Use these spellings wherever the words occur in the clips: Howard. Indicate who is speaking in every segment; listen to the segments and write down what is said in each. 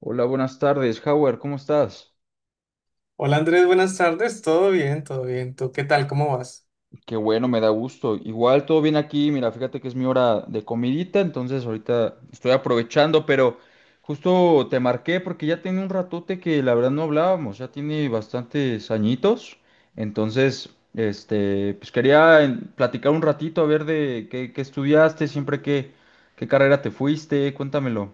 Speaker 1: Hola, buenas tardes, Howard, ¿cómo estás?
Speaker 2: Hola Andrés, buenas tardes. Todo bien, todo bien. ¿Tú qué tal? ¿Cómo vas?
Speaker 1: Qué bueno, me da gusto. Igual todo bien aquí, mira, fíjate que es mi hora de comidita, entonces ahorita estoy aprovechando, pero justo te marqué porque ya tiene un ratote que la verdad no hablábamos, ya tiene bastantes añitos, entonces, este, pues quería platicar un ratito a ver de qué, qué estudiaste, siempre qué, qué carrera te fuiste, cuéntamelo.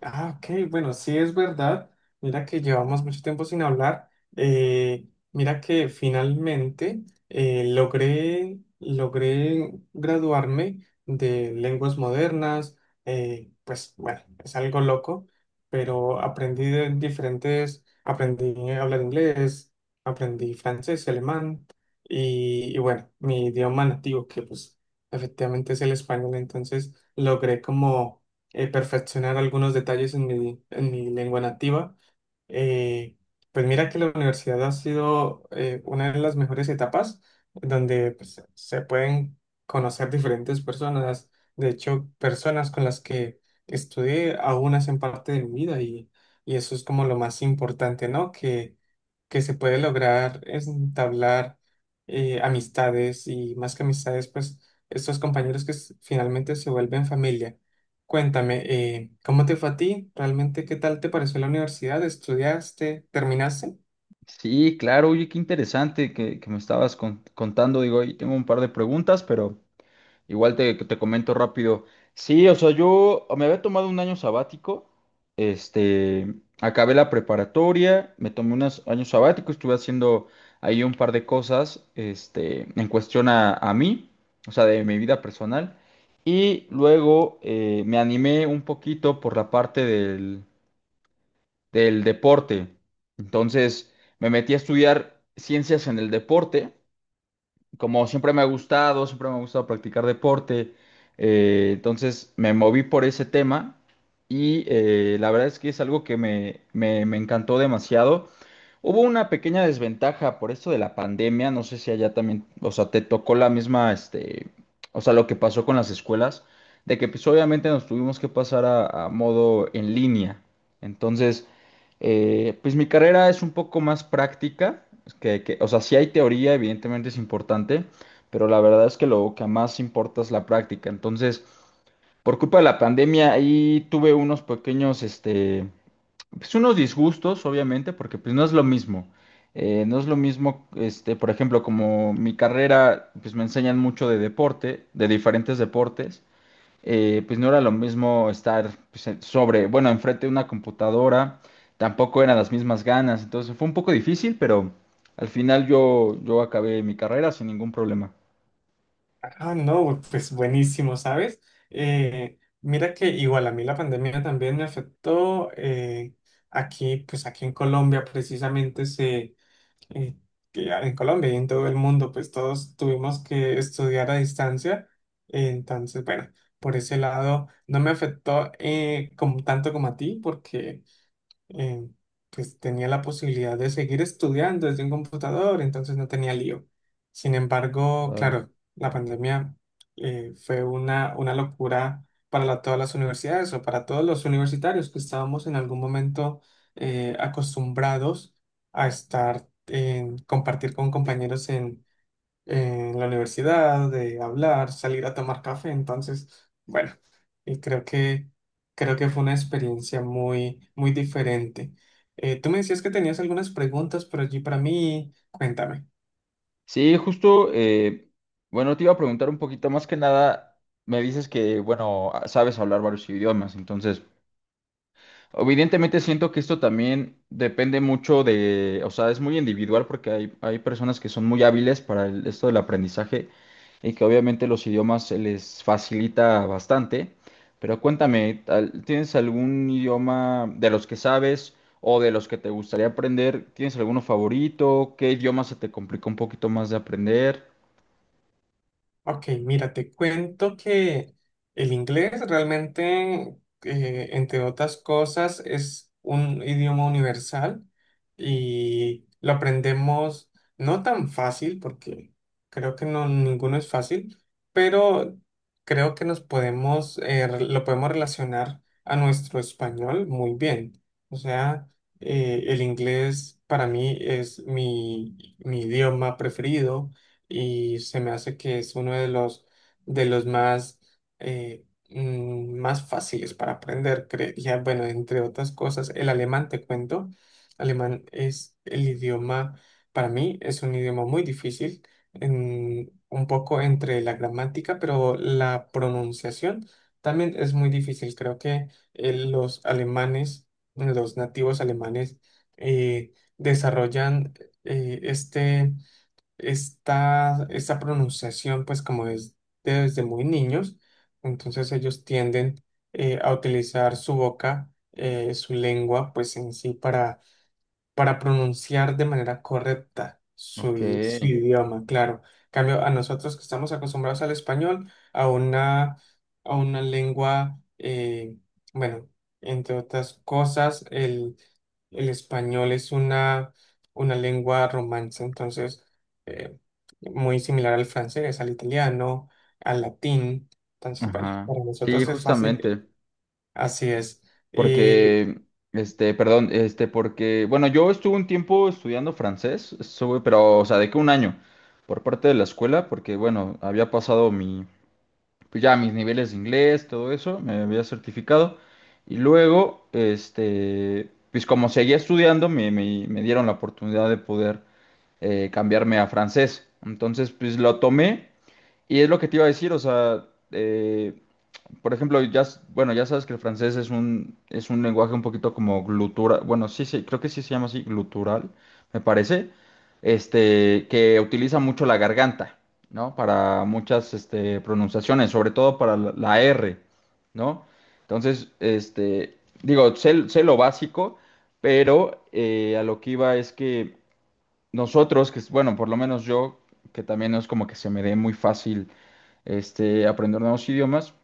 Speaker 2: Ah, ok, bueno, sí es verdad. Mira que llevamos mucho tiempo sin hablar. Eh, Mira que finalmente logré graduarme de lenguas modernas. Pues bueno, es algo loco, pero aprendí de diferentes, aprendí a hablar inglés, aprendí francés, alemán y bueno, mi idioma nativo que pues efectivamente es el español. Entonces logré como perfeccionar algunos detalles en mi lengua nativa. Eh, pues mira que la universidad ha sido una de las mejores etapas donde pues, se pueden conocer diferentes personas. De hecho, personas con las que estudié aún hacen parte de mi vida y eso es como lo más importante, ¿no? Que se puede lograr es entablar amistades y más que amistades, pues estos compañeros que finalmente se vuelven familia. Cuéntame, ¿cómo te fue a ti? ¿Realmente qué tal te pareció la universidad? ¿Estudiaste? ¿Terminaste?
Speaker 1: Sí, claro, oye, qué interesante que me estabas contando, digo, ahí tengo un par de preguntas, pero... Igual te comento rápido. Sí, o sea, yo me había tomado un año sabático. Este, acabé la preparatoria, me tomé unos años sabático, estuve haciendo ahí un par de cosas, este, en cuestión a mí, o sea, de mi vida personal. Y luego me animé un poquito por la parte del deporte. Entonces, me metí a estudiar ciencias en el deporte como siempre me ha gustado, siempre me ha gustado practicar deporte, entonces me moví por ese tema y la verdad es que es algo que me encantó demasiado. Hubo una pequeña desventaja por esto de la pandemia, no sé si allá también, o sea, te tocó la misma, este, o sea, lo que pasó con las escuelas, de que pues obviamente nos tuvimos que pasar a modo en línea. Entonces, pues mi carrera es un poco más práctica, es que, o sea, sí hay teoría, evidentemente es importante, pero la verdad es que lo que más importa es la práctica. Entonces, por culpa de la pandemia, ahí tuve unos pequeños, este, pues unos disgustos, obviamente, porque pues no es lo mismo. No es lo mismo, este, por ejemplo, como mi carrera, pues me enseñan mucho de deporte, de diferentes deportes pues no era lo mismo estar pues, sobre, bueno, enfrente de una computadora, tampoco eran las mismas ganas, entonces fue un poco difícil, pero al final yo acabé mi carrera sin ningún problema.
Speaker 2: Ah, no, pues buenísimo, ¿sabes? Mira que igual a mí la pandemia también me afectó. Aquí, pues aquí en Colombia precisamente se, eh, que ya en Colombia y en todo el mundo, pues todos tuvimos que estudiar a distancia. Entonces, bueno, por ese lado no me afectó como, tanto como a ti porque eh, pues tenía la posibilidad de seguir estudiando desde un computador, entonces no tenía lío. Sin embargo,
Speaker 1: Claro.
Speaker 2: claro, la pandemia fue una locura para todas las universidades o para todos los universitarios que estábamos en algún momento acostumbrados a estar en compartir con compañeros en la universidad, de hablar, salir a tomar café. Entonces, bueno, y creo que fue una experiencia muy, muy diferente. Tú me decías que tenías algunas preguntas por allí para mí. Cuéntame.
Speaker 1: Sí, justo, bueno, te iba a preguntar un poquito más que nada, me dices que, bueno, sabes hablar varios idiomas, entonces... Evidentemente siento que esto también depende mucho de, o sea, es muy individual porque hay personas que son muy hábiles para esto del aprendizaje y que obviamente los idiomas se les facilita bastante. Pero cuéntame, ¿tienes algún idioma de los que sabes o de los que te gustaría aprender? ¿Tienes alguno favorito? ¿Qué idioma se te complica un poquito más de aprender?
Speaker 2: Ok, mira, te cuento que el inglés realmente, entre otras cosas, es un idioma universal y lo aprendemos no tan fácil, porque creo que no, ninguno es fácil, pero creo que nos podemos, lo podemos relacionar a nuestro español muy bien. O sea, el inglés para mí es mi, mi idioma preferido y se me hace que es uno de los más, eh, más fáciles para aprender, creería. Bueno, entre otras cosas, el alemán, te cuento, alemán es el idioma, para mí es un idioma muy difícil, un poco entre la gramática, pero la pronunciación también es muy difícil. Creo que los alemanes, los nativos alemanes, desarrollan eh, este esta, esta pronunciación, pues como es desde muy niños, entonces ellos tienden a utilizar su boca, su lengua, pues en sí para pronunciar de manera correcta su,
Speaker 1: Ok,
Speaker 2: su idioma, claro. En cambio, a nosotros que estamos acostumbrados al español, a una lengua, bueno, entre otras cosas, el español es una lengua romance, entonces, eh, muy similar al francés, al italiano, al latín. Entonces, bueno,
Speaker 1: ajá.
Speaker 2: para
Speaker 1: Sí,
Speaker 2: nosotros es fácil,
Speaker 1: justamente.
Speaker 2: así es.
Speaker 1: Porque, este, perdón, este, porque, bueno, yo estuve un tiempo estudiando francés, estuve, pero, o sea, de que un año por parte de la escuela, porque, bueno, había pasado mi, pues ya mis niveles de inglés, todo eso, me había certificado. Y luego, este, pues como seguía estudiando, me dieron la oportunidad de poder cambiarme a francés. Entonces, pues lo tomé y es lo que te iba a decir, o sea, por ejemplo, ya, bueno, ya sabes que el francés es un lenguaje un poquito como glutural, bueno, sí, sí, creo que sí se llama así, glutural, me parece, este, que utiliza mucho la garganta, ¿no? Para muchas, este, pronunciaciones, sobre todo para la R, ¿no? Entonces, este, digo, sé, sé lo básico, pero a lo que iba es que nosotros, que, bueno, por lo menos yo, que también no es como que se me dé muy fácil, este, aprender nuevos idiomas,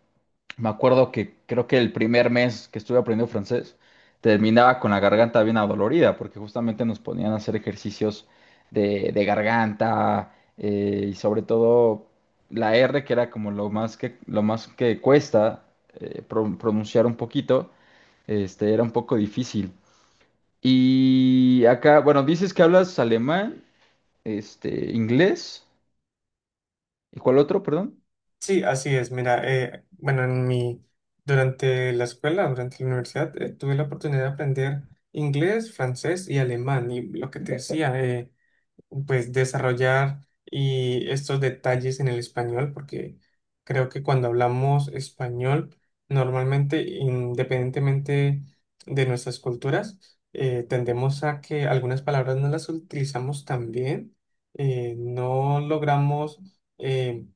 Speaker 1: me acuerdo que creo que el primer mes que estuve aprendiendo francés terminaba con la garganta bien adolorida, porque justamente nos ponían a hacer ejercicios de garganta y sobre todo la R, que era como lo más que cuesta pronunciar un poquito, este, era un poco difícil. Y acá, bueno, dices que hablas alemán, este, inglés, ¿y cuál otro, perdón?
Speaker 2: Sí, así es. Mira, bueno, en mi, durante la escuela, durante la universidad, tuve la oportunidad de aprender inglés, francés y alemán. Y lo que te decía, pues desarrollar y estos detalles en el español, porque creo que cuando hablamos español, normalmente, independientemente de nuestras culturas, tendemos a que algunas palabras no las utilizamos tan bien, no logramos em,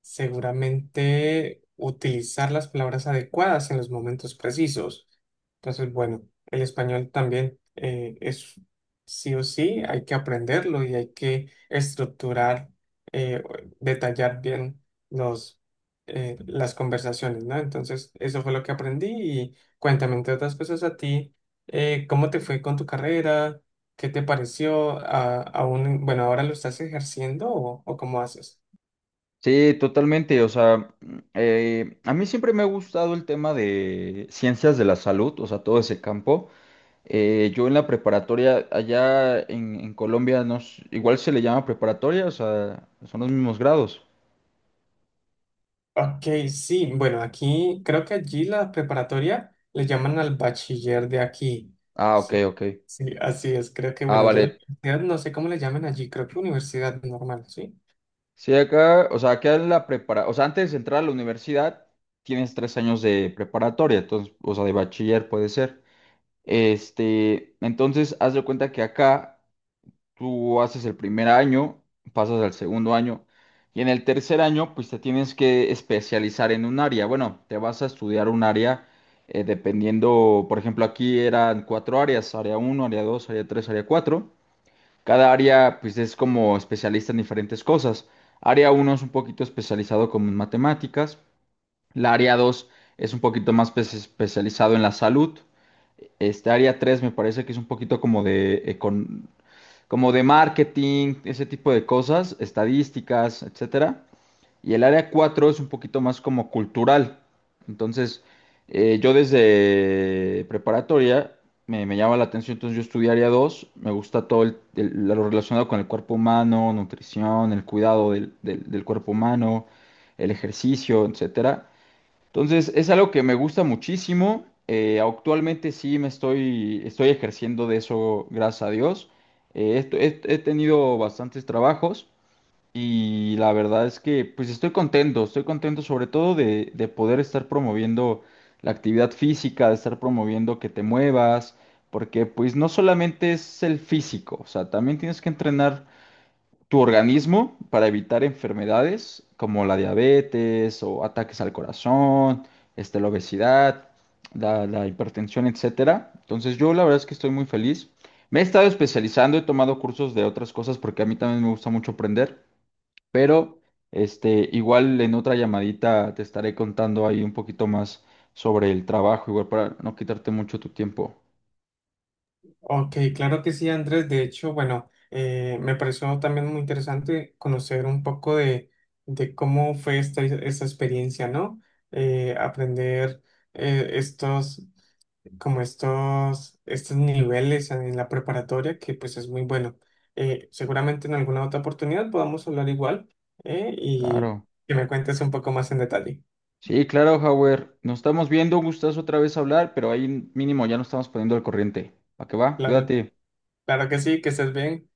Speaker 2: seguramente utilizar las palabras adecuadas en los momentos precisos. Entonces, bueno, el español también es sí o sí, hay que aprenderlo y hay que estructurar, eh, detallar bien los, las conversaciones, ¿no? Entonces, eso fue lo que aprendí y cuéntame, entre otras cosas, a ti, ¿cómo te fue con tu carrera? ¿Qué te pareció? A- aún, bueno, ¿ahora lo estás ejerciendo o cómo haces?
Speaker 1: Sí, totalmente. O sea, a mí siempre me ha gustado el tema de ciencias de la salud, o sea, todo ese campo. Yo en la preparatoria, allá en Colombia, no, igual se le llama preparatoria, o sea, son los mismos grados.
Speaker 2: Ok, sí, bueno, aquí creo que allí la preparatoria le llaman al bachiller de aquí.
Speaker 1: Ah, ok,
Speaker 2: Sí,
Speaker 1: ok.
Speaker 2: sí, así es. Creo que,
Speaker 1: Ah,
Speaker 2: bueno, ya la
Speaker 1: vale.
Speaker 2: universidad, no sé cómo le llaman allí, creo que universidad normal, ¿sí?
Speaker 1: Sí, acá, o sea, acá en la prepara, o sea, antes de entrar a la universidad, tienes tres años de preparatoria, entonces, o sea, de bachiller puede ser. Este, entonces, haz de cuenta que acá. Tú haces el primer año, pasas al segundo año y en el tercer año pues te tienes que especializar en un área. Bueno, te vas a estudiar un área dependiendo, por ejemplo, aquí eran cuatro áreas, área uno, área dos, área tres, área cuatro. Cada área pues es como especialista en diferentes cosas. Área uno es un poquito especializado como en matemáticas, la área 2 es un poquito más especializado en la salud. Este área 3 me parece que es un poquito como de marketing, ese tipo de cosas, estadísticas, etcétera. Y el área 4 es un poquito más como cultural. Entonces, yo desde preparatoria me llama la atención, entonces yo estudié área 2, me gusta todo lo relacionado con el cuerpo humano, nutrición, el cuidado del cuerpo humano, el ejercicio, etcétera. Entonces, es algo que me gusta muchísimo. Actualmente sí me estoy ejerciendo de eso, gracias a Dios. He, he tenido bastantes trabajos y la verdad es que pues estoy contento sobre todo de poder estar promoviendo la actividad física, de estar promoviendo que te muevas, porque pues no solamente es el físico, o sea, también tienes que entrenar tu organismo para evitar enfermedades como la diabetes o ataques al corazón, este, la obesidad, la hipertensión, etcétera. Entonces yo la verdad es que estoy muy feliz. Me he estado especializando, he tomado cursos de otras cosas porque a mí también me gusta mucho aprender, pero este, igual en otra llamadita te estaré contando ahí un poquito más sobre el trabajo, igual para no quitarte mucho tu tiempo.
Speaker 2: Ok, claro que sí, Andrés. De hecho, bueno, me pareció también muy interesante conocer un poco de cómo fue esta, esta experiencia, ¿no? Aprender estos como estos, estos niveles en la preparatoria, que pues es muy bueno. Seguramente en alguna otra oportunidad podamos hablar igual y
Speaker 1: Claro.
Speaker 2: que me cuentes un poco más en detalle.
Speaker 1: Sí, claro, Howard. Nos estamos viendo, un gustazo otra vez hablar, pero ahí mínimo ya nos estamos poniendo al corriente. ¿A qué va?
Speaker 2: Claro,
Speaker 1: Cuídate.
Speaker 2: claro que sí, que estés bien.